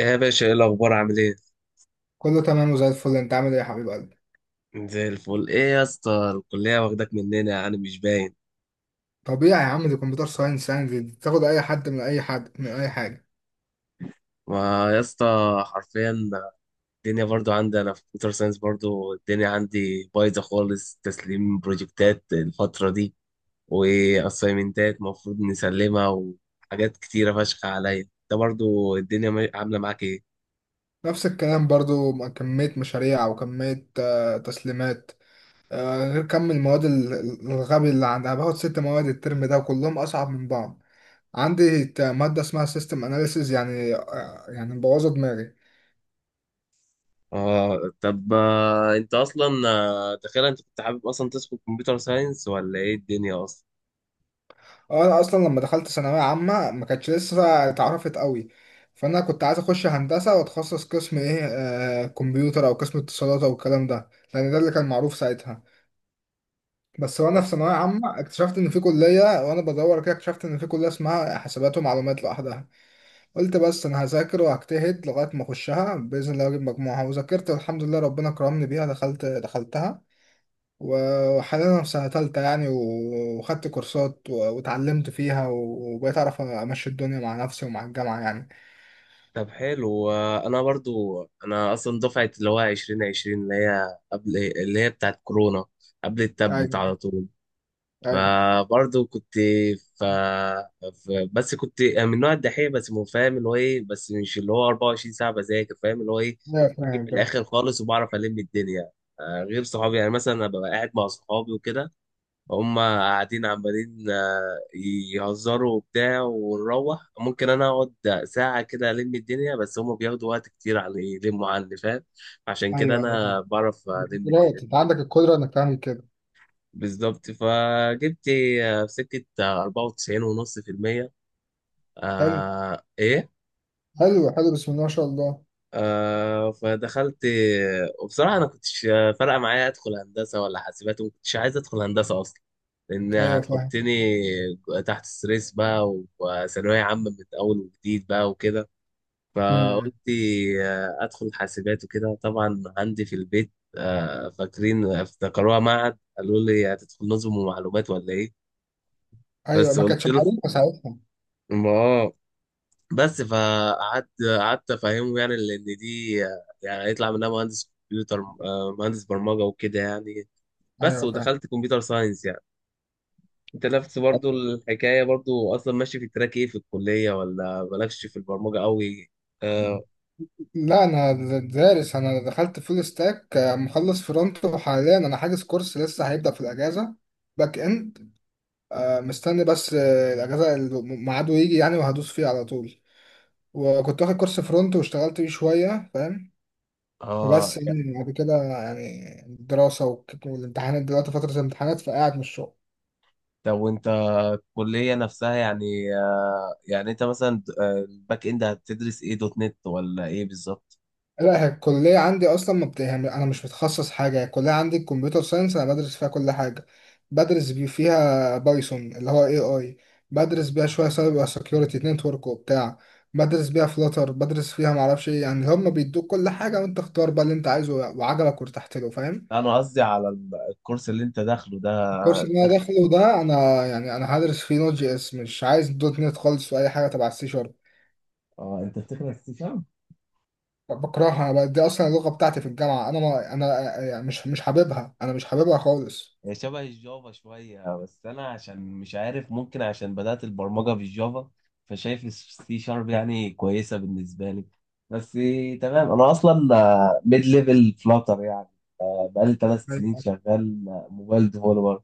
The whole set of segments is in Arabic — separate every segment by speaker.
Speaker 1: يا باشا، ايه الاخبار؟ عامل ايه؟
Speaker 2: كله تمام وزي الفل، انت عامل ايه يا حبيب قلبي؟
Speaker 1: زي الفل، ايه يا اسطى؟ الكليه واخداك مننا يعني، مش باين.
Speaker 2: طبيعي يا عم، دي كمبيوتر ساينس، يعني دي تاخد اي حد، من اي حد، من اي حاجه.
Speaker 1: ما يا اسطى، حرفيا الدنيا برضو عندي انا في كمبيوتر ساينس، برضو الدنيا عندي بايظه خالص، تسليم بروجكتات الفتره دي واسايمنتات المفروض نسلمها وحاجات كتيره فشخ عليا. انت برضو الدنيا عامله معاك ايه؟
Speaker 2: نفس الكلام برضو، مع كميه مشاريع وكميه تسليمات. غير كم المواد الغبي اللي عندها. باخد 6 مواد الترم ده، وكلهم اصعب من بعض. عندي ماده اسمها سيستم اناليسيز، يعني يعني مبوظه دماغي.
Speaker 1: اه، طب، انت اصلا، تخيل، انت كنت حابب اصلا تدخل كمبيوتر ساينس ولا ايه الدنيا اصلا؟
Speaker 2: اه انا اصلا لما دخلت ثانويه عامه ما كانتش لسه اتعرفت قوي، فانا كنت عايز اخش هندسه واتخصص قسم ايه، آه كمبيوتر او قسم اتصالات او الكلام ده، لان ده اللي كان معروف ساعتها. بس وانا في ثانويه عامه اكتشفت ان في كليه، وانا بدور كده اكتشفت ان في كليه اسمها حسابات ومعلومات لوحدها. قلت بس انا هذاكر وهجتهد لغايه ما اخشها باذن الله اجيب مجموعها، وذاكرت والحمد لله ربنا كرمني بيها، دخلتها. وحاليا أنا في سنة تالتة يعني، وخدت كورسات واتعلمت فيها وبقيت أعرف أمشي الدنيا مع نفسي ومع الجامعة يعني.
Speaker 1: طب حلو. انا برضو، انا دفعه اللي هو 2020، اللي هي قبل، اللي هي بتاعت كورونا، قبل التابلت
Speaker 2: أيوه،
Speaker 1: على طول.
Speaker 2: أيوه،
Speaker 1: فبرضو كنت ف... بس كنت من نوع الدحيح، بس مو فاهم اللي هو ايه، بس مش اللي هو 24 ساعه بذاكر، فاهم اللي هو ايه،
Speaker 2: أيوه،
Speaker 1: في
Speaker 2: فاهم فاهم.
Speaker 1: الاخر خالص. وبعرف الم الدنيا، غير صحابي. يعني مثلا أنا ببقى قاعد مع صحابي وكده، هم قاعدين عمالين يهزروا وبتاع ونروح. ممكن انا اقعد ساعة كده الم الدنيا، بس هم بياخدوا وقت كتير على يلموا عني، فاهم؟ عشان كده
Speaker 2: أيوه، أيوه،
Speaker 1: انا
Speaker 2: فاهم.
Speaker 1: بعرف
Speaker 2: دي
Speaker 1: الم
Speaker 2: قدرات،
Speaker 1: الدنيا.
Speaker 2: أنت عندك القدرة إنك تعمل كده.
Speaker 1: بالظبط، فجبت في سكة، 94 ونص في المية.
Speaker 2: حلو،
Speaker 1: آه ايه.
Speaker 2: حلو، حلو، بسم الله ما شاء الله.
Speaker 1: آه، فدخلت. وبصراحة أنا كنتش فارقة معايا أدخل هندسة ولا حاسبات، وما كنتش عايز أدخل هندسة أصلا، لأن
Speaker 2: أيوه فاهم.
Speaker 1: هتحطني تحت ستريس بقى وثانوية عامة من أول وجديد بقى وكده.
Speaker 2: أمم.
Speaker 1: فقلت أدخل حاسبات. وكده طبعا عندي في البيت، فاكرين افتكروها معهد، قالوا لي هتدخل نظم ومعلومات ولا إيه؟
Speaker 2: أيوه،
Speaker 1: بس
Speaker 2: ما كانتش
Speaker 1: قلت له،
Speaker 2: معروفة ساعتها.
Speaker 1: ما آه، بس فقعدت، قعدت افهمه يعني، لان دي يعني هيطلع منها مهندس كمبيوتر، مهندس برمجه وكده يعني. بس
Speaker 2: أيوه فاهم.
Speaker 1: ودخلت كمبيوتر ساينس يعني. انت نفس برضو الحكايه برضو اصلا ماشي في التراك ايه في الكليه، ولا مالكش في البرمجه قوي؟ اه.
Speaker 2: لا انا دارس. انا دخلت فول ستاك، مخلص فرونت، وحاليا انا حاجز كورس لسه هيبدأ في الاجازه. باك اند. مستني بس الأجازة اللي ميعاده يجي يعني، وهدوس فيه على طول. وكنت واخد كورس فرونت واشتغلت بيه شوية، فاهم.
Speaker 1: اه،
Speaker 2: وبس يعني بعد كده يعني الدراسة والامتحانات، دلوقتي فترة الامتحانات فقاعد من الشغل.
Speaker 1: طب، وانت الكليه نفسها يعني، آه يعني انت مثلا، الباك اند هتدرس ايه؟ دوت نت ولا ايه بالظبط؟
Speaker 2: لا هي الكلية عندي أصلا ما بت... يعني أنا مش متخصص حاجة. هي الكلية عندي الكمبيوتر ساينس، أنا بدرس فيها كل حاجة. بدرس فيها بايثون اللي هو اي اي، بدرس بيها شوية سايبر سكيورتي نتورك وبتاع، بدرس بيها فلاتر، بدرس فيها معرفش ايه، يعني هما بيدوك كل حاجة وانت اختار بقى اللي انت عايزه وعجبك وارتحت له، فاهم.
Speaker 1: انا قصدي على الكورس اللي انت داخله ده.
Speaker 2: الكورس اللي انا داخله ده انا يعني انا هدرس فيه نوت جي اس، مش عايز دوت نت خالص واي حاجة تبع السي شارب.
Speaker 1: اه، انت بتدرس سي.
Speaker 2: دي اصلا اللغة بتاعتي في الجامعة، انا ما انا يعني مش حاببها، انا مش حاببها خالص.
Speaker 1: هي شبه الجافا شوية، بس أنا عشان مش عارف، ممكن عشان بدأت البرمجة في الجافا، فشايف السي شارب يعني كويسة بالنسبة لي. بس تمام. أنا أصلا ميد ليفل فلاتر يعني، بقالي 3 سنين
Speaker 2: أيوة،
Speaker 1: شغال موبايل ديفولور.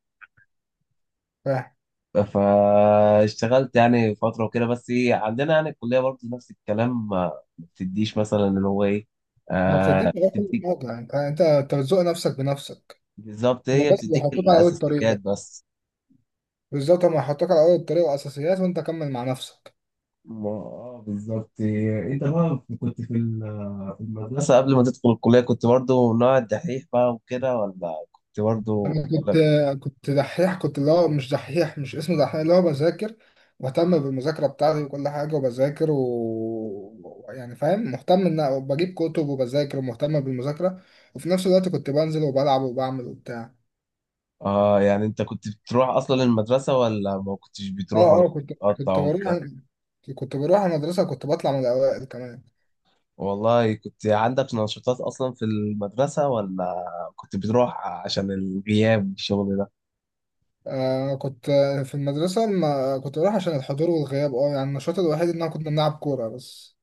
Speaker 2: فاهم.
Speaker 1: فاشتغلت يعني فترة وكده، بس عندنا يعني الكلية برضه نفس الكلام، ما بتديش مثلا اللي هو إيه،
Speaker 2: ما بتديش
Speaker 1: آه
Speaker 2: مجال كل
Speaker 1: بتديك.
Speaker 2: حاجة يعني، انت أنت بتزوق نفسك بنفسك.
Speaker 1: بالظبط،
Speaker 2: هما
Speaker 1: هي
Speaker 2: بس
Speaker 1: بتديك
Speaker 2: بيحطوك على اول الطريق
Speaker 1: الأساسيات
Speaker 2: بس.
Speaker 1: بس.
Speaker 2: بالظبط، هما يحطوك على اول الطريق والاساسيات وانت كمل مع نفسك.
Speaker 1: ما آه، بالظبط. انت بقى كنت في في المدرسة قبل ما تدخل الكلية، كنت برضو من نوع الدحيح بقى وكده، ولا كنت برضو
Speaker 2: انا كنت
Speaker 1: ولا؟
Speaker 2: كنت دحيح، كنت اللي هو مش دحيح، مش اسمه دحيح، اللي هو بذاكر، مهتم بالمذاكرة بتاعتي وكل حاجة وبذاكر و يعني فاهم، مهتم ان بجيب كتب وبذاكر ومهتم بالمذاكرة، وفي نفس الوقت كنت بنزل وبلعب وبعمل وبتاع.
Speaker 1: اه، يعني انت كنت بتروح اصلا المدرسة، ولا ما كنتش
Speaker 2: اه
Speaker 1: بتروح، ولا
Speaker 2: اه
Speaker 1: كنت بتقطع
Speaker 2: كنت
Speaker 1: وبتاع؟
Speaker 2: كنت بروح المدرسة، كنت بطلع من الأوائل كمان.
Speaker 1: والله كنت عندك نشاطات اصلا في المدرسة، ولا كنت بتروح عشان الغياب والشغل ده؟
Speaker 2: آه كنت في المدرسة، ما كنت بروح عشان الحضور والغياب، اه يعني النشاط الوحيد إن أنا كنا بنلعب كورة بس.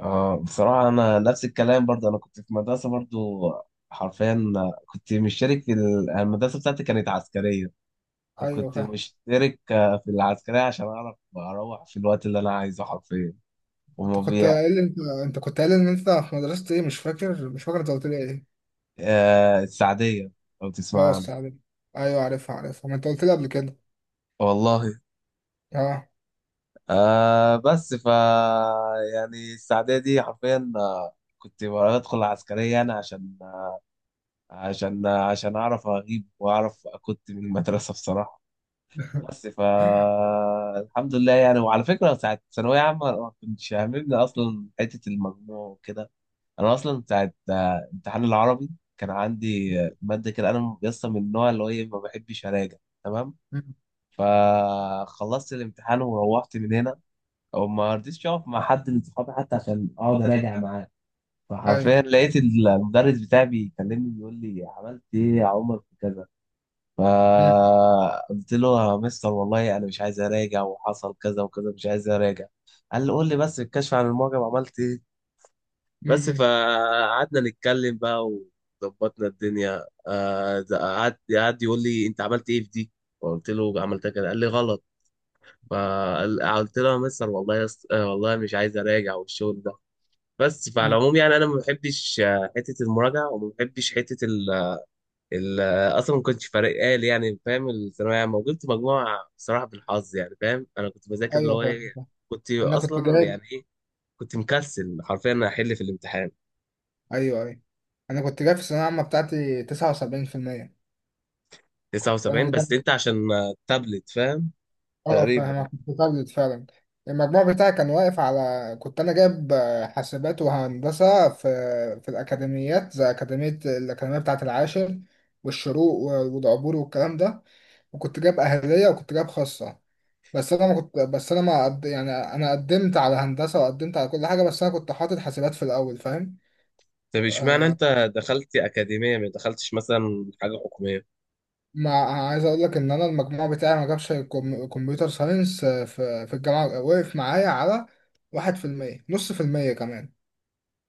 Speaker 1: اه، بصراحة انا نفس الكلام برضو. انا كنت في مدرسة برضو، حرفيا كنت مشترك في المدرسة بتاعتي كانت عسكرية،
Speaker 2: أيوة
Speaker 1: فكنت
Speaker 2: فاهم.
Speaker 1: مشترك في العسكرية عشان أعرف أروح في الوقت اللي أنا عايزه حرفيا.
Speaker 2: أنت
Speaker 1: وما
Speaker 2: كنت
Speaker 1: بي...
Speaker 2: قايل أنت أنت كنت قايل إن أنت في مدرسة إيه، مش فاكر، مش فاكر أنت قلت لي إيه.
Speaker 1: آه، السعدية، لو
Speaker 2: اه
Speaker 1: تسمع عنها.
Speaker 2: السعادة، أيوة عارفها عارفها، ما أنت قلت لي قبل كده.
Speaker 1: والله.
Speaker 2: اه
Speaker 1: آه، بس ف يعني السعدية دي حرفيا، كنت بدخل العسكرية أنا عشان، عشان أعرف أغيب وأعرف كنت من المدرسة بصراحة. بس ف الحمد لله يعني. وعلى فكرة ساعة ثانوية عامة ما كنتش هاممني أصلا حتة المجموع وكده. انا اصلا بتاعت امتحان العربي، كان عندي ماده كده، انا لسه من النوع اللي هو إيه، ما بحبش اراجع. تمام.
Speaker 2: مم.
Speaker 1: فخلصت الامتحان وروحت من هنا، وما رضيتش اقف مع حد من صحابي حتى عشان اقعد اراجع معاه.
Speaker 2: أيوة.
Speaker 1: فحرفيا لقيت المدرس بتاعي بيكلمني بيقول لي، عملت ايه يا عمر في كذا؟
Speaker 2: مم.
Speaker 1: فقلت له، يا مستر والله انا مش عايز اراجع، وحصل كذا وكذا، مش عايز اراجع. قال لي، قول لي بس الكشف عن المعجم عملت ايه. بس
Speaker 2: مم.
Speaker 1: فقعدنا نتكلم بقى وظبطنا الدنيا. ده قعد يقول لي انت عملت ايه في دي، فقلت له عملتها كده، قال لي غلط. فقلت له، يا مستر والله يا اسطى، والله مش عايز اراجع والشغل ده. بس فعلى
Speaker 2: مم.
Speaker 1: العموم يعني انا ما بحبش حته المراجعه، وما بحبش حته ال ال اصلا ما كنتش فارقه لي يعني، فاهم؟ الثانويه عامه، وجبت مجموعه بصراحه بالحظ يعني، فاهم؟ انا كنت بذاكر اللي
Speaker 2: أيوة
Speaker 1: هو
Speaker 2: فاهم
Speaker 1: ايه،
Speaker 2: فاهم.
Speaker 1: كنت
Speaker 2: أنا كنت
Speaker 1: اصلا
Speaker 2: جايب
Speaker 1: يعني ايه، كنت مكسل حرفيا احل في الامتحان.
Speaker 2: أيوة أيوة. أنا كنت جايب في الثانوية العامة بتاعتي 79%. كنت
Speaker 1: 79
Speaker 2: أنا
Speaker 1: بس انت عشان تابلت فاهم،
Speaker 2: اه
Speaker 1: تقريبا.
Speaker 2: فاهمك، متردد فعلا. المجموع بتاعي كان واقف على، كنت انا جايب حاسبات وهندسه في الاكاديميات، زي اكاديميه، الاكاديميه بتاعه العاشر والشروق ودعبور والكلام ده، وكنت جايب اهليه وكنت جايب خاصه. بس انا ما قد... يعني انا قدمت على هندسه وقدمت على كل حاجه، بس انا كنت حاطط حاسبات في الاول، فاهم.
Speaker 1: طب اشمعنى انت دخلت اكاديميه، ما دخلتش مثلا حاجه حكوميه؟
Speaker 2: ما عايز اقول لك ان انا المجموع بتاعي ما جابش كمبيوتر ساينس، في الجامعه، وقف معايا على 1%، نص في المية كمان.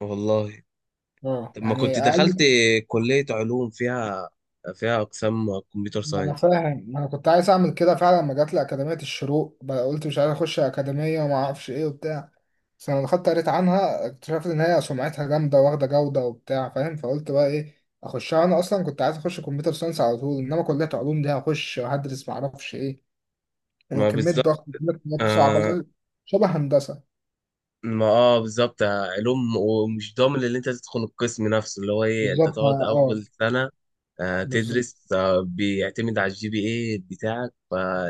Speaker 1: والله.
Speaker 2: اه
Speaker 1: طب ما
Speaker 2: يعني
Speaker 1: كنت دخلت
Speaker 2: اقل.
Speaker 1: كليه علوم، فيها اقسام كمبيوتر
Speaker 2: ما انا
Speaker 1: ساينس.
Speaker 2: فاهم، ما انا كنت عايز اعمل كده فعلا. لما جات لي اكاديميه الشروق بقى قلت مش عايز اخش اكاديميه وما اعرفش ايه وبتاع، بس لما دخلت قريت عنها اكتشفت ان هي سمعتها جامده واخده جوده وبتاع، فاهم. فقلت بقى ايه، اخشها. انا اصلا كنت عايز اخش كمبيوتر ساينس على طول، انما كليه علوم دي هخش وهدرس ما اعرفش ايه،
Speaker 1: ما
Speaker 2: وكميه
Speaker 1: بالظبط.
Speaker 2: ضغط وكميه مواد صعبه
Speaker 1: آه.
Speaker 2: شبه هندسه.
Speaker 1: ما اه بالظبط، علوم، ومش ضامن اللي انت تدخل القسم نفسه، اللي هو ايه، انت
Speaker 2: بالظبط
Speaker 1: تقعد
Speaker 2: اه. آه،
Speaker 1: اول سنه آه
Speaker 2: بالظبط،
Speaker 1: تدرس، آه بيعتمد على الجي بي اي بتاعك،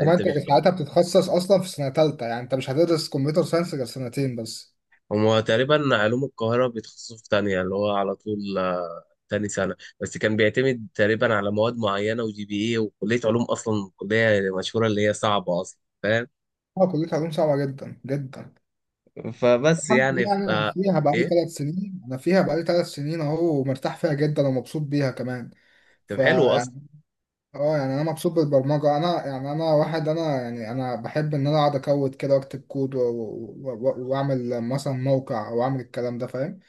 Speaker 2: كمان انت
Speaker 1: مش.
Speaker 2: ساعتها بتتخصص اصلا في سنه ثالثه، يعني انت مش هتدرس كمبيوتر ساينس غير سنتين بس.
Speaker 1: هما تقريبا علوم القاهرة بيتخصصوا في تانية اللي هو على طول، تاني سنة بس، كان بيعتمد تقريبا على مواد معينة وجي بي ايه. وكلية علوم أصلا كلية مشهورة اللي هي صعبة أصلا، فاهم؟
Speaker 2: اه كلية علوم صعبة جدا جدا.
Speaker 1: فبس
Speaker 2: الحمد
Speaker 1: يعني
Speaker 2: لله
Speaker 1: ف...
Speaker 2: يعني،
Speaker 1: آه، ايه.
Speaker 2: انا فيها بقالي ثلاث سنين اهو، ومرتاح فيها جدا ومبسوط بيها كمان.
Speaker 1: طب حلو أصلا.
Speaker 2: فيعني اه يعني انا مبسوط بالبرمجة، انا يعني انا واحد، انا يعني انا بحب ان انا اقعد اكود كده واكتب كود واعمل مثلا موقع او اعمل الكلام ده، فاهم.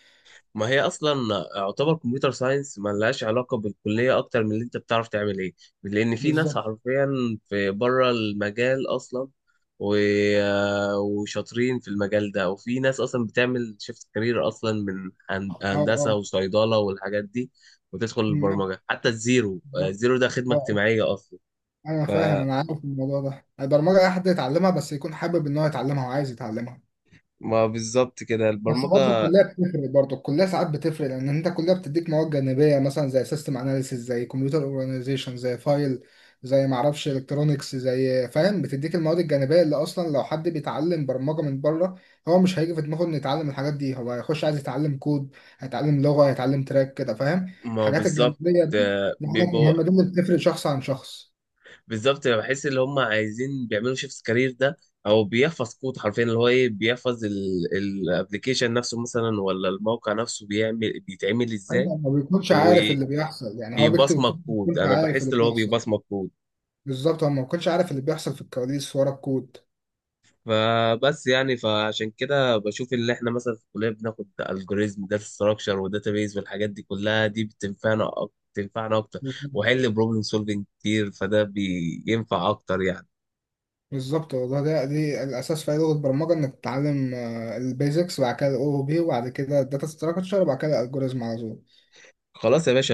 Speaker 1: ما هي اصلا يعتبر كمبيوتر ساينس ما لهاش علاقه بالكليه اكتر من اللي انت بتعرف تعمل ايه. لان في ناس
Speaker 2: بالظبط
Speaker 1: حرفيا في بره المجال اصلا و... وشاطرين في المجال ده، وفي ناس اصلا بتعمل شيفت كارير اصلا من
Speaker 2: اه
Speaker 1: هندسه
Speaker 2: اه.
Speaker 1: وصيدله والحاجات دي، وتدخل
Speaker 2: مم،
Speaker 1: البرمجه حتى الزيرو.
Speaker 2: بالظبط
Speaker 1: الزيرو ده
Speaker 2: اه
Speaker 1: خدمه
Speaker 2: آه.
Speaker 1: اجتماعيه اصلا.
Speaker 2: انا فاهم
Speaker 1: فما
Speaker 2: انا عارف الموضوع ده، البرمجة اي حد يتعلمها بس يكون حابب ان هو يتعلمها وعايز يتعلمها.
Speaker 1: بالظبط كده
Speaker 2: بس برضه
Speaker 1: البرمجه.
Speaker 2: الكليه بتفرق، برضه الكليه ساعات بتفرق، لان انت الكليه بتديك مواد جانبيه مثلا زي سيستم اناليسيس، زي كمبيوتر اورجانيزيشن، زي فايل، زي معرفش الكترونكس، زي فاهم، بتديك المواد الجانبيه اللي اصلا لو حد بيتعلم برمجه من بره هو مش هيجي في دماغه انه يتعلم الحاجات دي، هو هيخش عايز يتعلم كود، هيتعلم لغه، هيتعلم تراك كده، فاهم،
Speaker 1: ما
Speaker 2: الحاجات
Speaker 1: بالظبط،
Speaker 2: الجانبيه دي دي حاجات
Speaker 1: بيبقوا.
Speaker 2: مهمه، دي اللي بتفرق شخص عن شخص.
Speaker 1: بالظبط، بحس ان هم عايزين بيعملوا شيفت كارير ده، او بيحفظ كود حرفيا اللي هو ايه، بيحفظ الابلكيشن نفسه مثلا، ولا الموقع نفسه بيعمل بيتعمل ازاي.
Speaker 2: ايوه، ما بيكونش عارف اللي بيحصل، يعني هو بيكتب
Speaker 1: وبيبصمج
Speaker 2: الكود ما
Speaker 1: كود،
Speaker 2: بيكونش
Speaker 1: انا
Speaker 2: عارف
Speaker 1: بحس
Speaker 2: اللي
Speaker 1: اللي هو
Speaker 2: بيحصل.
Speaker 1: بيبصمج كود.
Speaker 2: بالظبط، هو ما كنتش عارف اللي بيحصل في الكواليس ورا الكود.
Speaker 1: فبس يعني فعشان كده بشوف اللي احنا مثلا في الكليه بناخد الجوريزم داتا ستراكشر وداتابيز والحاجات دي كلها، دي بتنفعنا بتنفعنا اكتر، وحل بروبلم سولفنج كتير، فده بينفع اكتر يعني.
Speaker 2: بالظبط والله، ده دي الاساس في اي لغه برمجه، انك تتعلم البيزكس وبعد كده الاو بي وبعد كده الداتا ستراكشر وبعد كده الالجوريزم على طول.
Speaker 1: خلاص يا باشا.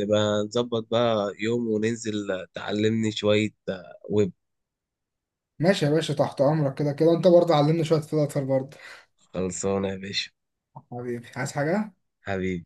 Speaker 1: نبقى نظبط بقى يوم وننزل تعلمني شوية ويب.
Speaker 2: ماشي يا باشا، تحت امرك، كده كده انت برضه علمني شويه فلاتر برضه.
Speaker 1: خلصانة يا باشا.
Speaker 2: حبيبي، عايز حاجه؟
Speaker 1: حبيبي.